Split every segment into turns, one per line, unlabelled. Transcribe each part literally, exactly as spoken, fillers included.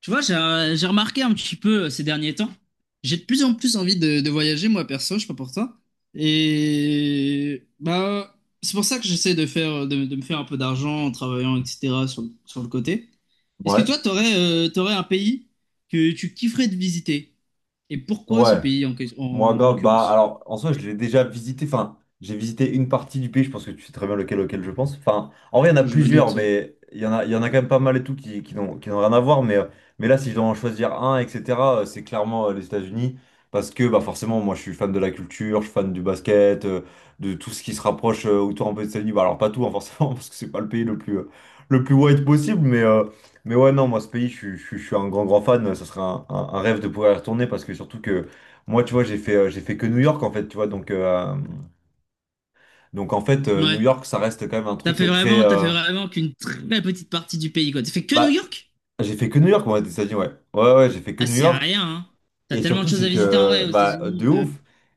Tu vois, j'ai euh, j'ai remarqué un petit peu euh, ces derniers temps. J'ai de plus en plus envie de, de voyager, moi perso, je sais pas pour toi. Et bah, c'est pour ça que j'essaie de faire, de, de me faire un peu d'argent en travaillant, et cetera, sur, le- sur le côté. Est-ce que
Ouais,
toi, t'aurais, euh, t'aurais un pays que tu kifferais de visiter? Et pourquoi ce
ouais.
pays en, que-
Moi,
en
grave, bah
l'occurrence?
alors en soi, je l'ai déjà visité, enfin, j'ai visité une partie du pays, je pense que tu sais très bien lequel, auquel je pense. Enfin, en vrai, il y en a
Je me
plusieurs,
doute.
mais il y en a, il y en a quand même pas mal et tout qui, qui n'ont, qui n'ont rien à voir. Mais, euh, mais là, si je dois en choisir un, et cetera, euh, c'est clairement euh, les États-Unis. Parce que bah forcément, moi, je suis fan de la culture, je suis fan du basket, euh, de tout ce qui se rapproche euh, autour un peu des États-Unis. Bah, alors, pas tout, hein, forcément, parce que c'est pas le pays le plus, euh, le plus white possible, mais. Euh, mais ouais, non, moi, ce pays, je, suis je suis- je suis un grand, grand fan. Ça serait un, un- un rêve de pouvoir y retourner parce que surtout que moi, tu vois, j'ai fait, euh, j'ai fait que New York, en fait, tu vois. Donc, euh, donc en fait, euh, New
Ouais.
York, ça reste quand même un
T'as
truc
fait
euh, très.
vraiment, t'as fait
euh,
vraiment qu'une très petite partie du pays, quoi. T'as fait que New
Bah,
York?
j'ai fait que New York, moi, ça dit, ouais. Ouais, ouais, j'ai fait que
Ah,
New
c'est
York.
rien, hein. T'as
Et
tellement de
surtout,
choses
c'est
à
que.
visiter en vrai
euh,
aux
Bah,
États-Unis.
de
euh,
ouf.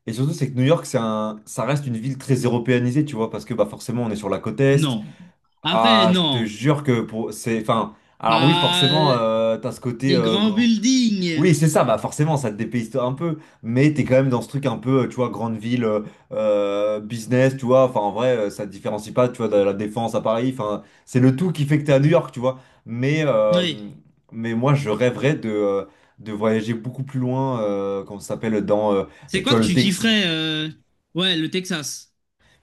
Et surtout, c'est que New York, c'est un... ça reste une ville très européanisée, tu vois, parce que, bah, forcément, on est sur la côte Est.
Non. Après,
Ah, je te
non.
jure que pour. C'est. Enfin. Alors, oui, forcément,
Bah,
euh, t'as ce côté
les
euh,
grands
grand.
buildings.
Oui, c'est ça, bah forcément, ça te dépayse un peu, mais t'es quand même dans ce truc un peu, euh, tu vois, grande ville, euh, euh, business, tu vois, enfin en vrai, euh, ça te différencie pas, tu vois, de la Défense à Paris, enfin, c'est le tout qui fait que t'es à New York, tu vois, mais, euh,
Oui.
mais moi, je rêverais de, euh, de voyager beaucoup plus loin, euh, comment ça s'appelle, dans, euh,
C'est
tu
quoi
vois,
que
le
tu
Texas.
kifferais euh, Ouais, le Texas.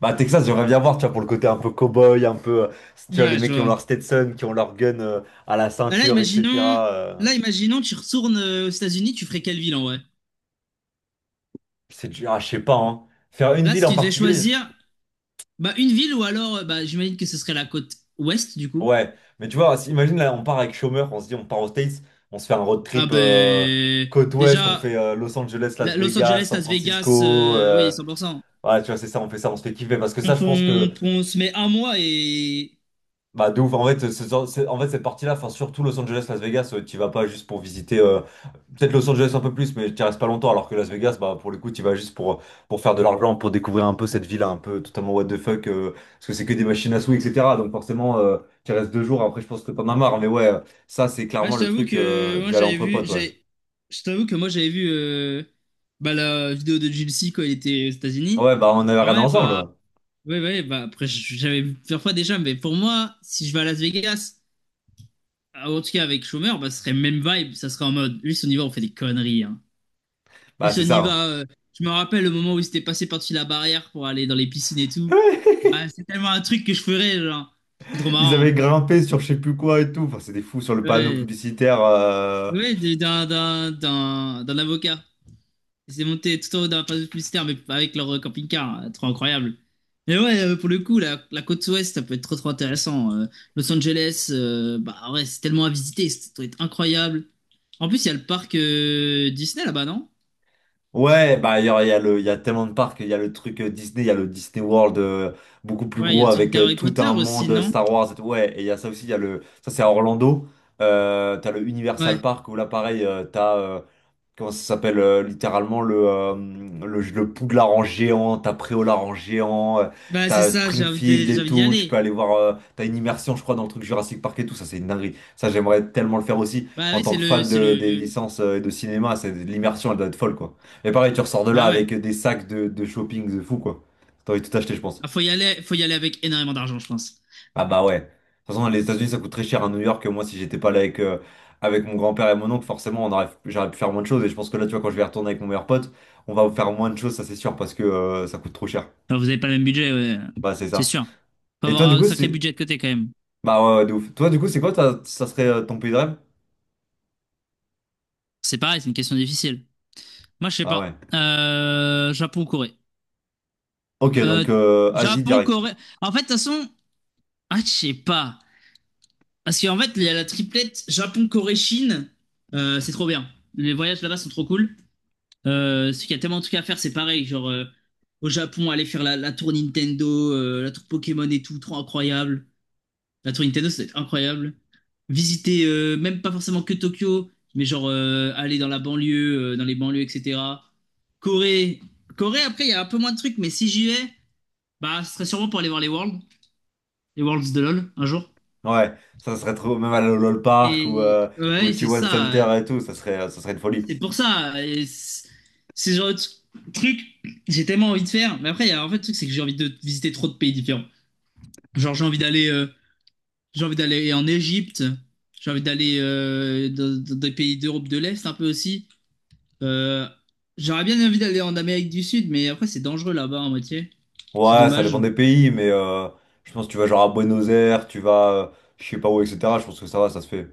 Bah, Texas, j'aimerais bien voir, tu vois, pour le côté un peu cow-boy, un peu, euh, tu vois, les
Ouais, je
mecs qui ont
vois.
leur Stetson, qui ont leur gun, euh, à la
Bah là,
ceinture,
imaginons...
et cetera euh,
Là, imaginons, tu retournes euh, aux États-Unis, tu ferais quelle ville en vrai?
c'est dur, ah, je sais pas, hein. Faire une
Là,
ville
si
en
tu devais
particulier.
choisir, bah une ville ou alors, euh, bah j'imagine que ce serait la côte ouest du coup.
Ouais, mais tu vois, si- imagine là, on part avec chômeur, on se dit on part aux States, on se fait un road
Ah
trip euh,
ben...
côte ouest, on
Déjà,
fait euh, Los Angeles, Las
la- Los
Vegas,
Angeles,
San
Las Vegas,
Francisco.
euh, oui,
Euh,
cent pour cent.
voilà, tu vois, c'est ça, on fait ça, on se fait kiffer. Parce que
On,
ça, je pense que
on- on se met un mois et...
bah de ouf, en fait, ce- ce- c'est- en fait cette partie-là, enfin surtout Los Angeles, Las Vegas, euh, tu vas pas juste pour visiter, euh, peut-être Los Angeles un peu plus, mais tu restes pas longtemps, alors que Las Vegas, bah pour le coup, tu vas juste pour, pour faire de l'argent, pour découvrir un peu cette ville un peu totalement what the fuck, euh, parce que c'est que des machines à sous, et cetera. Donc forcément, euh, tu restes deux jours, après je pense que t'en as marre, mais ouais, euh, ça c'est
Ouais,
clairement
je
le
t'avoue
truc
que
euh,
moi
d'aller
j'avais
entre
vu,
potes, ouais.
j'ai, je t'avoue que moi j'avais vu euh, bah, la vidéo de Gilles C quand il était aux États-Unis.
Ouais, bah on avait
Ah
regardé
ouais, bah,
ensemble,
ouais, ouais, bah après j'avais vu plusieurs fois déjà, mais pour moi, si je vais à Las Vegas, ah, en tout cas avec Schumer, bah ce serait même vibe, ça serait en mode, lui, si on y va, on fait des conneries, hein. Lui,
bah
si on
c'est ça.
y
hein.
va, euh, je me rappelle le moment où il s'était passé par-dessus la barrière pour aller dans les piscines et tout. Bah, c'est tellement un truc que je ferais, genre, c'est trop
Ils
marrant.
avaient grimpé sur je sais plus quoi et tout, enfin c'est des fous sur le panneau
Ouais,
publicitaire. euh,
ouais, d'un, d'un, d'un, d'un avocat. Ils s'est montés tout en haut dans la passe publicitaire, mais avec leur euh, camping-car. euh, Trop incroyable. Mais ouais, euh, pour le coup, la, la côte ouest, ça peut être trop trop intéressant. Euh, Los Angeles, euh, bah ouais, c'est tellement à visiter, ça doit être incroyable. En plus, il y a le parc euh, Disney là-bas, non?
Ouais, bah il y a, il y a le, il y a tellement de parcs, il y a le truc euh, Disney, il y a le Disney World euh, beaucoup plus
Ouais, il y a
gros
le truc
avec euh,
d'Harry
tout
Potter
un
aussi,
monde euh,
non?
Star Wars et tout. Ouais, et il y a ça aussi, il y a le, ça c'est à Orlando. Euh, t'as le Universal
Ouais.
Park où là pareil, tu t'as euh, comment ça s'appelle euh, littéralement le, euh, le le Poudlard en géant, t'as Préolard en géant, euh,
Bah c'est
t'as
ça, j'ai envie de-
Springfield
j'ai
et
envie d'y
tout, tu peux
aller.
aller voir, euh, t'as une immersion je crois dans le truc Jurassic Park et tout, ça c'est une dinguerie. Ça j'aimerais tellement le faire aussi
Bah
en
oui,
tant
c'est
que
le,
fan
c'est
de, des
le.
licences euh, et de cinéma, c'est l'immersion elle doit être folle quoi. Et pareil tu ressors de là
Bah ouais.
avec des sacs de, de shopping de fou quoi. T'as envie de tout acheter je pense.
Ah, faut y aller, faut y aller avec énormément d'argent, je pense.
Ah bah ouais. De toute façon, les États-Unis, ça coûte très cher à New York. Moi, si j'étais pas là avec, euh, avec mon grand-père et mon oncle, forcément, on aurait, j'aurais pu faire moins de choses. Et je pense que là, tu vois, quand je vais retourner avec mon meilleur pote, on va faire moins de choses, ça c'est sûr, parce que euh, ça coûte trop cher.
Enfin, vous avez pas le même budget, ouais.
Bah, c'est
C'est
ça.
sûr. Faut
Et toi,
avoir
du
un
coup,
sacré
c'est...
budget de côté quand même.
Bah ouais, ouais, de ouf. Toi, du coup, c'est quoi, ta- ça serait euh, ton pays de rêve?
C'est pareil, c'est une question difficile. Moi, je sais
Ah ouais.
pas. Euh, Japon, Corée.
Ok,
Euh,
donc euh, Asie
Japon,
direct.
Corée. En fait, de toute façon, ah, je sais pas. Parce qu'en fait, il y a la triplette Japon, Corée, Chine. Euh, c'est trop bien. Les voyages là-bas sont trop cool. Euh, parce qu'il y a tellement de trucs à faire, c'est pareil. Genre, euh, au Japon, aller faire la, la tour Nintendo, euh, la tour Pokémon et tout, trop incroyable. La tour Nintendo, ça doit être incroyable. Visiter, euh, même pas forcément que Tokyo, mais genre euh, aller dans la banlieue, euh, dans les banlieues, et cetera. Corée. Corée, après, il y a un peu moins de trucs, mais si j'y vais, bah, ce serait sûrement pour aller voir les Worlds, les Worlds de LoL, un jour.
Ouais, ça serait trop... Même à l'Olol Park ou
Et
euh, au
ouais, c'est
T un Center
ça.
et tout, ça serait, euh, ça serait une folie.
C'est pour ça. Et c'est c'est le genre de tr- truc, j'ai tellement envie de faire. Mais après, il y a en fait, le truc, c'est que j'ai envie de visiter trop de pays différents. Genre, j'ai envie d'aller. euh, J'ai envie d'aller en Égypte. J'ai envie d'aller euh, dans, dans des pays d'Europe de l'Est un peu aussi. Euh, J'aurais bien envie d'aller en Amérique du Sud, mais après c'est dangereux là-bas en moitié. C'est
Ouais, ça
dommage.
dépend des pays, mais euh, je pense que tu vas genre à Buenos Aires, tu vas euh, je sais pas où, et cetera. Je pense que ça va, ça se fait.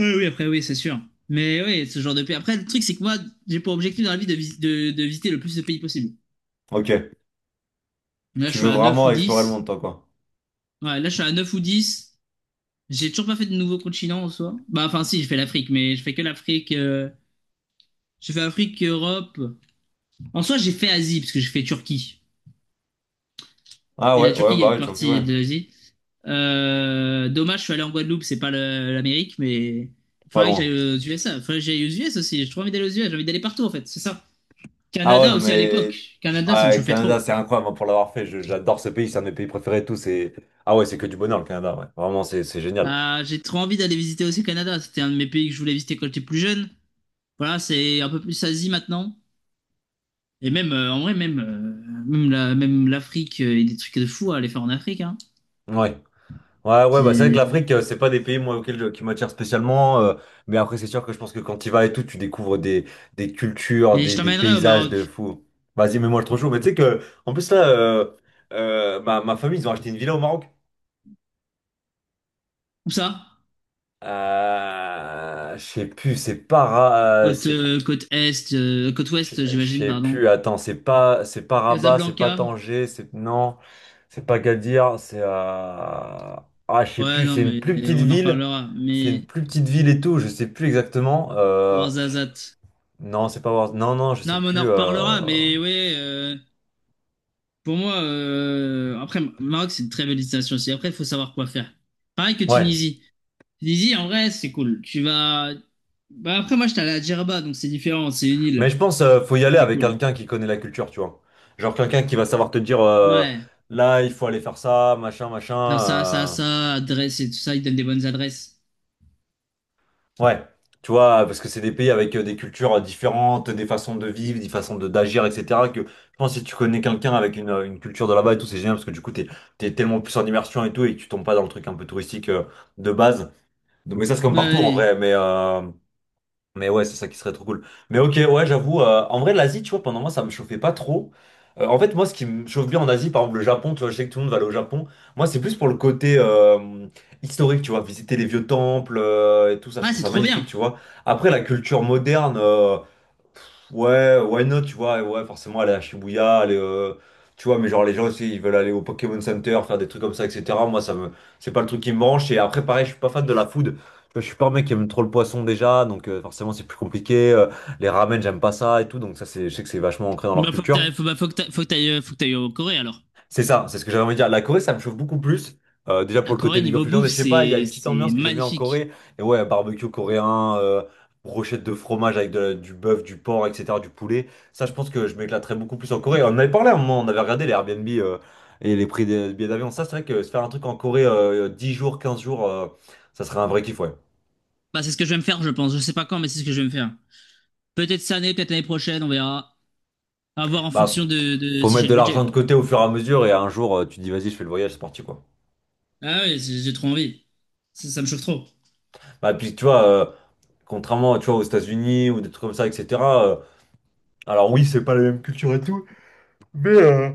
Oui, oui, après oui, c'est sûr. Mais oui, ce genre de pays. Après, le truc, c'est que moi, j'ai pour objectif dans la vie de, vis- de, de visiter le plus de pays possible.
Ok,
Là, je
tu
suis
veux
à neuf
vraiment
ou
explorer le monde,
dix.
toi, quoi.
Ouais, là, je suis à neuf ou dix. J'ai toujours pas fait de nouveau continent en soi. Bah, enfin, si, j'ai fait l'Afrique, mais je fais que l'Afrique. euh, J'ai fait Afrique, Europe. En soi, j'ai fait Asie, parce que j'ai fait Turquie.
Ah
Et la
ouais,
Turquie,
ouais,
il y a
bah
une
ouais, Turquie,
partie
ouais,
de l'Asie. Euh, dommage, je suis allé en Guadeloupe, c'est pas le- l'Amérique, mais
pas
faudrait que j'aille
loin.
aux U S A. Faudrait que j'aille aux U S aussi. J'ai trop envie d'aller aux U S, j'ai envie d'aller partout en fait, c'est ça.
Ah ouais,
Canada
non,
aussi à
mais
l'époque. Canada, ça me
ouais,
chauffait
Canada,
trop.
c'est incroyable hein, pour l'avoir fait. Je- J'adore ce pays, c'est un de mes pays préférés et tout. C'est... Ah ouais, c'est que du bonheur, le Canada, ouais. Vraiment, c'est c'est génial.
Ah, j'ai trop envie d'aller visiter aussi le Canada. C'était un de mes pays que je voulais visiter quand j'étais plus jeune. Voilà, c'est un peu plus Asie maintenant. Et même, euh, en vrai, même, euh, même, la- même l'Afrique, euh, il y a des trucs de fou à aller faire en Afrique. Hein.
Ouais. Ouais, ouais, bah c'est vrai que
C'est-
l'Afrique, euh, c'est pas des pays moi, auxquels je- qui m'attirent spécialement. Euh, mais après, c'est sûr que je pense que quand tu y vas et tout, tu découvres des, des cultures,
Mais je
des, des
t'emmènerai au
paysages de
Maroc.
fou. Vas-y, mets-moi le trop chaud. Mais tu sais que, en plus, là, euh, euh, ma, ma famille, ils ont acheté une villa au Maroc.
Où ça?
Euh, je sais plus, c'est para, euh,
Côte,
c'est
euh, côte est, euh, côte
Je
ouest,
je
j'imagine,
sais
pardon.
plus, attends, c'est pas c'est pas Rabat, c'est pas
Casablanca.
Tanger, c'est non, c'est pas Gadir, c'est à ah je sais
Ouais,
plus,
non,
c'est une plus
mais
petite
on en
ville,
reparlera.
c'est une
Mais
plus petite ville et tout, je sais plus exactement. Euh,
Ouarzazate.
Non, c'est pas Wars- non, non, je sais
Non, mais on en
plus.
reparlera.
euh,
Mais ouais, euh, pour moi, euh, après, Maroc, c'est une très belle destination aussi. Après, il faut savoir quoi faire. Pareil que
Ouais,
Tunisie. Tunisie, en vrai, c'est cool. Tu vas. Bah, après, moi, j'étais allé à Djerba, donc c'est différent. C'est une
mais
île.
je pense euh, faut y aller
C'est
avec
cool.
quelqu'un qui connaît la culture, tu vois. Genre quelqu'un qui va savoir te dire euh,
Ouais.
là il faut aller faire ça, machin machin.
Faire ça, ça,
euh,
ça, adresse et tout ça, ils donnent des bonnes adresses.
Ouais, tu vois, parce que c'est des pays avec euh, des cultures euh, différentes, des façons de vivre, des façons de d'agir, et cetera. Que je pense que si tu connais quelqu'un avec une, euh, une culture de là-bas et tout, c'est génial parce que du coup, t'es, t'es tellement plus en immersion et tout et que tu tombes pas dans le truc un peu touristique euh, de base. Donc, mais ça, c'est comme
Ouais.
partout en
Ouais.
vrai. Mais, euh, mais ouais, c'est ça qui serait trop cool. Mais ok, ouais, j'avoue, euh, en vrai, l'Asie, tu vois, pendant moi, ça me chauffait pas trop. Euh, en fait, moi, ce qui me chauffe bien en Asie, par exemple, le Japon, tu vois, je sais que tout le monde va aller au Japon. Moi, c'est plus pour le côté euh, historique, tu vois, visiter les vieux temples euh, et tout ça, je
Ah,
trouve
c'est
ça
trop
magnifique,
bien.
tu vois. Après, la culture moderne. euh, Ouais, why not, tu vois, et ouais, forcément aller à Shibuya, aller, euh, tu vois, mais genre les gens aussi, ils veulent aller au Pokémon Center, faire des trucs comme ça, et cetera. Moi, ça me, c'est pas le truc qui me branche. Et après, pareil, je suis pas fan de la food. Tu vois, je suis pas un mec qui aime trop le poisson déjà, donc euh, forcément c'est plus compliqué. Euh, les ramen, j'aime pas ça et tout, donc ça, c'est, je sais que c'est vachement ancré dans leur
Bah, faut que
culture.
t'ailles, faut, bah, faut que t'ailles, faut que t'ailles, euh, faut que t'ailles en Corée alors.
C'est ça, c'est ce que j'avais envie de dire. La Corée, ça me chauffe beaucoup plus. Euh, déjà
La
pour le côté
Corée
League of
niveau
Legends,
bouffe,
et je sais pas, il y a
c'est,
une petite
c'est
ambiance que j'aime bien en
magnifique.
Corée. Et ouais, barbecue coréen, euh, brochette de fromage avec de la- du bœuf, du porc, et cetera, du poulet. Ça, je pense que je m'éclaterais beaucoup plus en Corée. On en avait parlé à un moment, on avait regardé les Airbnb euh, et les prix des billets d'avion. Ça, c'est vrai que se faire un truc en Corée euh, 10 jours, quinze jours, euh, ça serait un vrai kiff, ouais.
Bah, c'est ce que je vais me faire, je pense. Je sais pas quand, mais c'est ce que je vais me faire. Peut-être cette année, peut-être l'année prochaine, on verra. À voir en
Bah,
fonction de, de
faut
si
mettre
j'ai
de
le budget,
l'argent de
quoi.
côté au fur et à mesure, et un jour, euh, tu te dis, vas-y, je fais le voyage, c'est parti, quoi.
Ah oui, j'ai j'ai trop envie. Ça, ça me chauffe trop.
Bah, puis tu vois. Euh, contrairement, tu vois, aux États-Unis ou des trucs comme ça, et cetera. Alors oui, c'est pas la même culture et tout, mais euh,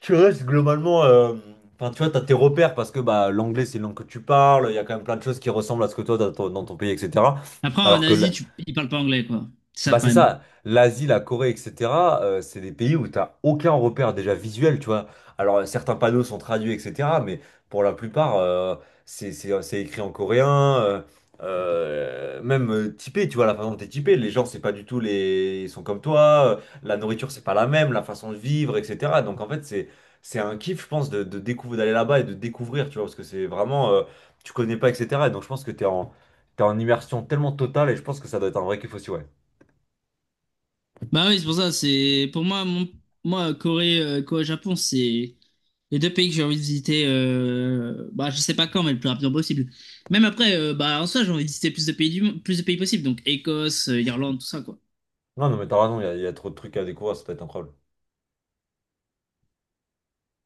tu restes globalement... euh, Enfin, tu vois, t'as tes repères parce que bah, l'anglais, c'est une langue que tu parles, il y a quand même plein de choses qui ressemblent à ce que toi, t'as ton- dans ton pays, et cetera.
Après, en
Alors que
Asie,
la-
tu, ils parlent pas anglais, quoi. C'est ça le
bah c'est
problème.
ça, l'Asie, la Corée, et cetera, euh, c'est des pays où t'as aucun repère déjà visuel, tu vois. Alors euh, certains panneaux sont traduits, et cetera, mais pour la plupart, euh, c'est c'est- c'est écrit en coréen, euh, euh, même euh, typé, tu vois, la façon dont t'es typé, les gens, c'est pas du tout les... Ils sont comme toi, euh, la nourriture, c'est pas la même, la façon de vivre, et cetera. Donc en fait, c'est c'est un kiff, je pense, de, de découvrir, d'aller là-bas et de découvrir, tu vois, parce que c'est vraiment... euh, tu connais pas, et cetera. Et donc je pense que t'es en, t'es en immersion tellement totale et je pense que ça doit être un vrai kiff aussi, ouais.
Bah oui, c'est pour ça, c'est pour moi, mon- moi Corée, euh, Corée-Japon, c'est les deux pays que j'ai envie de visiter. euh, Bah, je sais pas quand, mais le plus rapidement possible. Même après, euh, bah en soi, j'ai envie de visiter plus de pays du... mo- plus de pays possible, donc Écosse, euh, Irlande, tout ça, quoi.
Non, non, mais t'as raison, il y, a il y a trop de trucs à découvrir, ça peut être incroyable.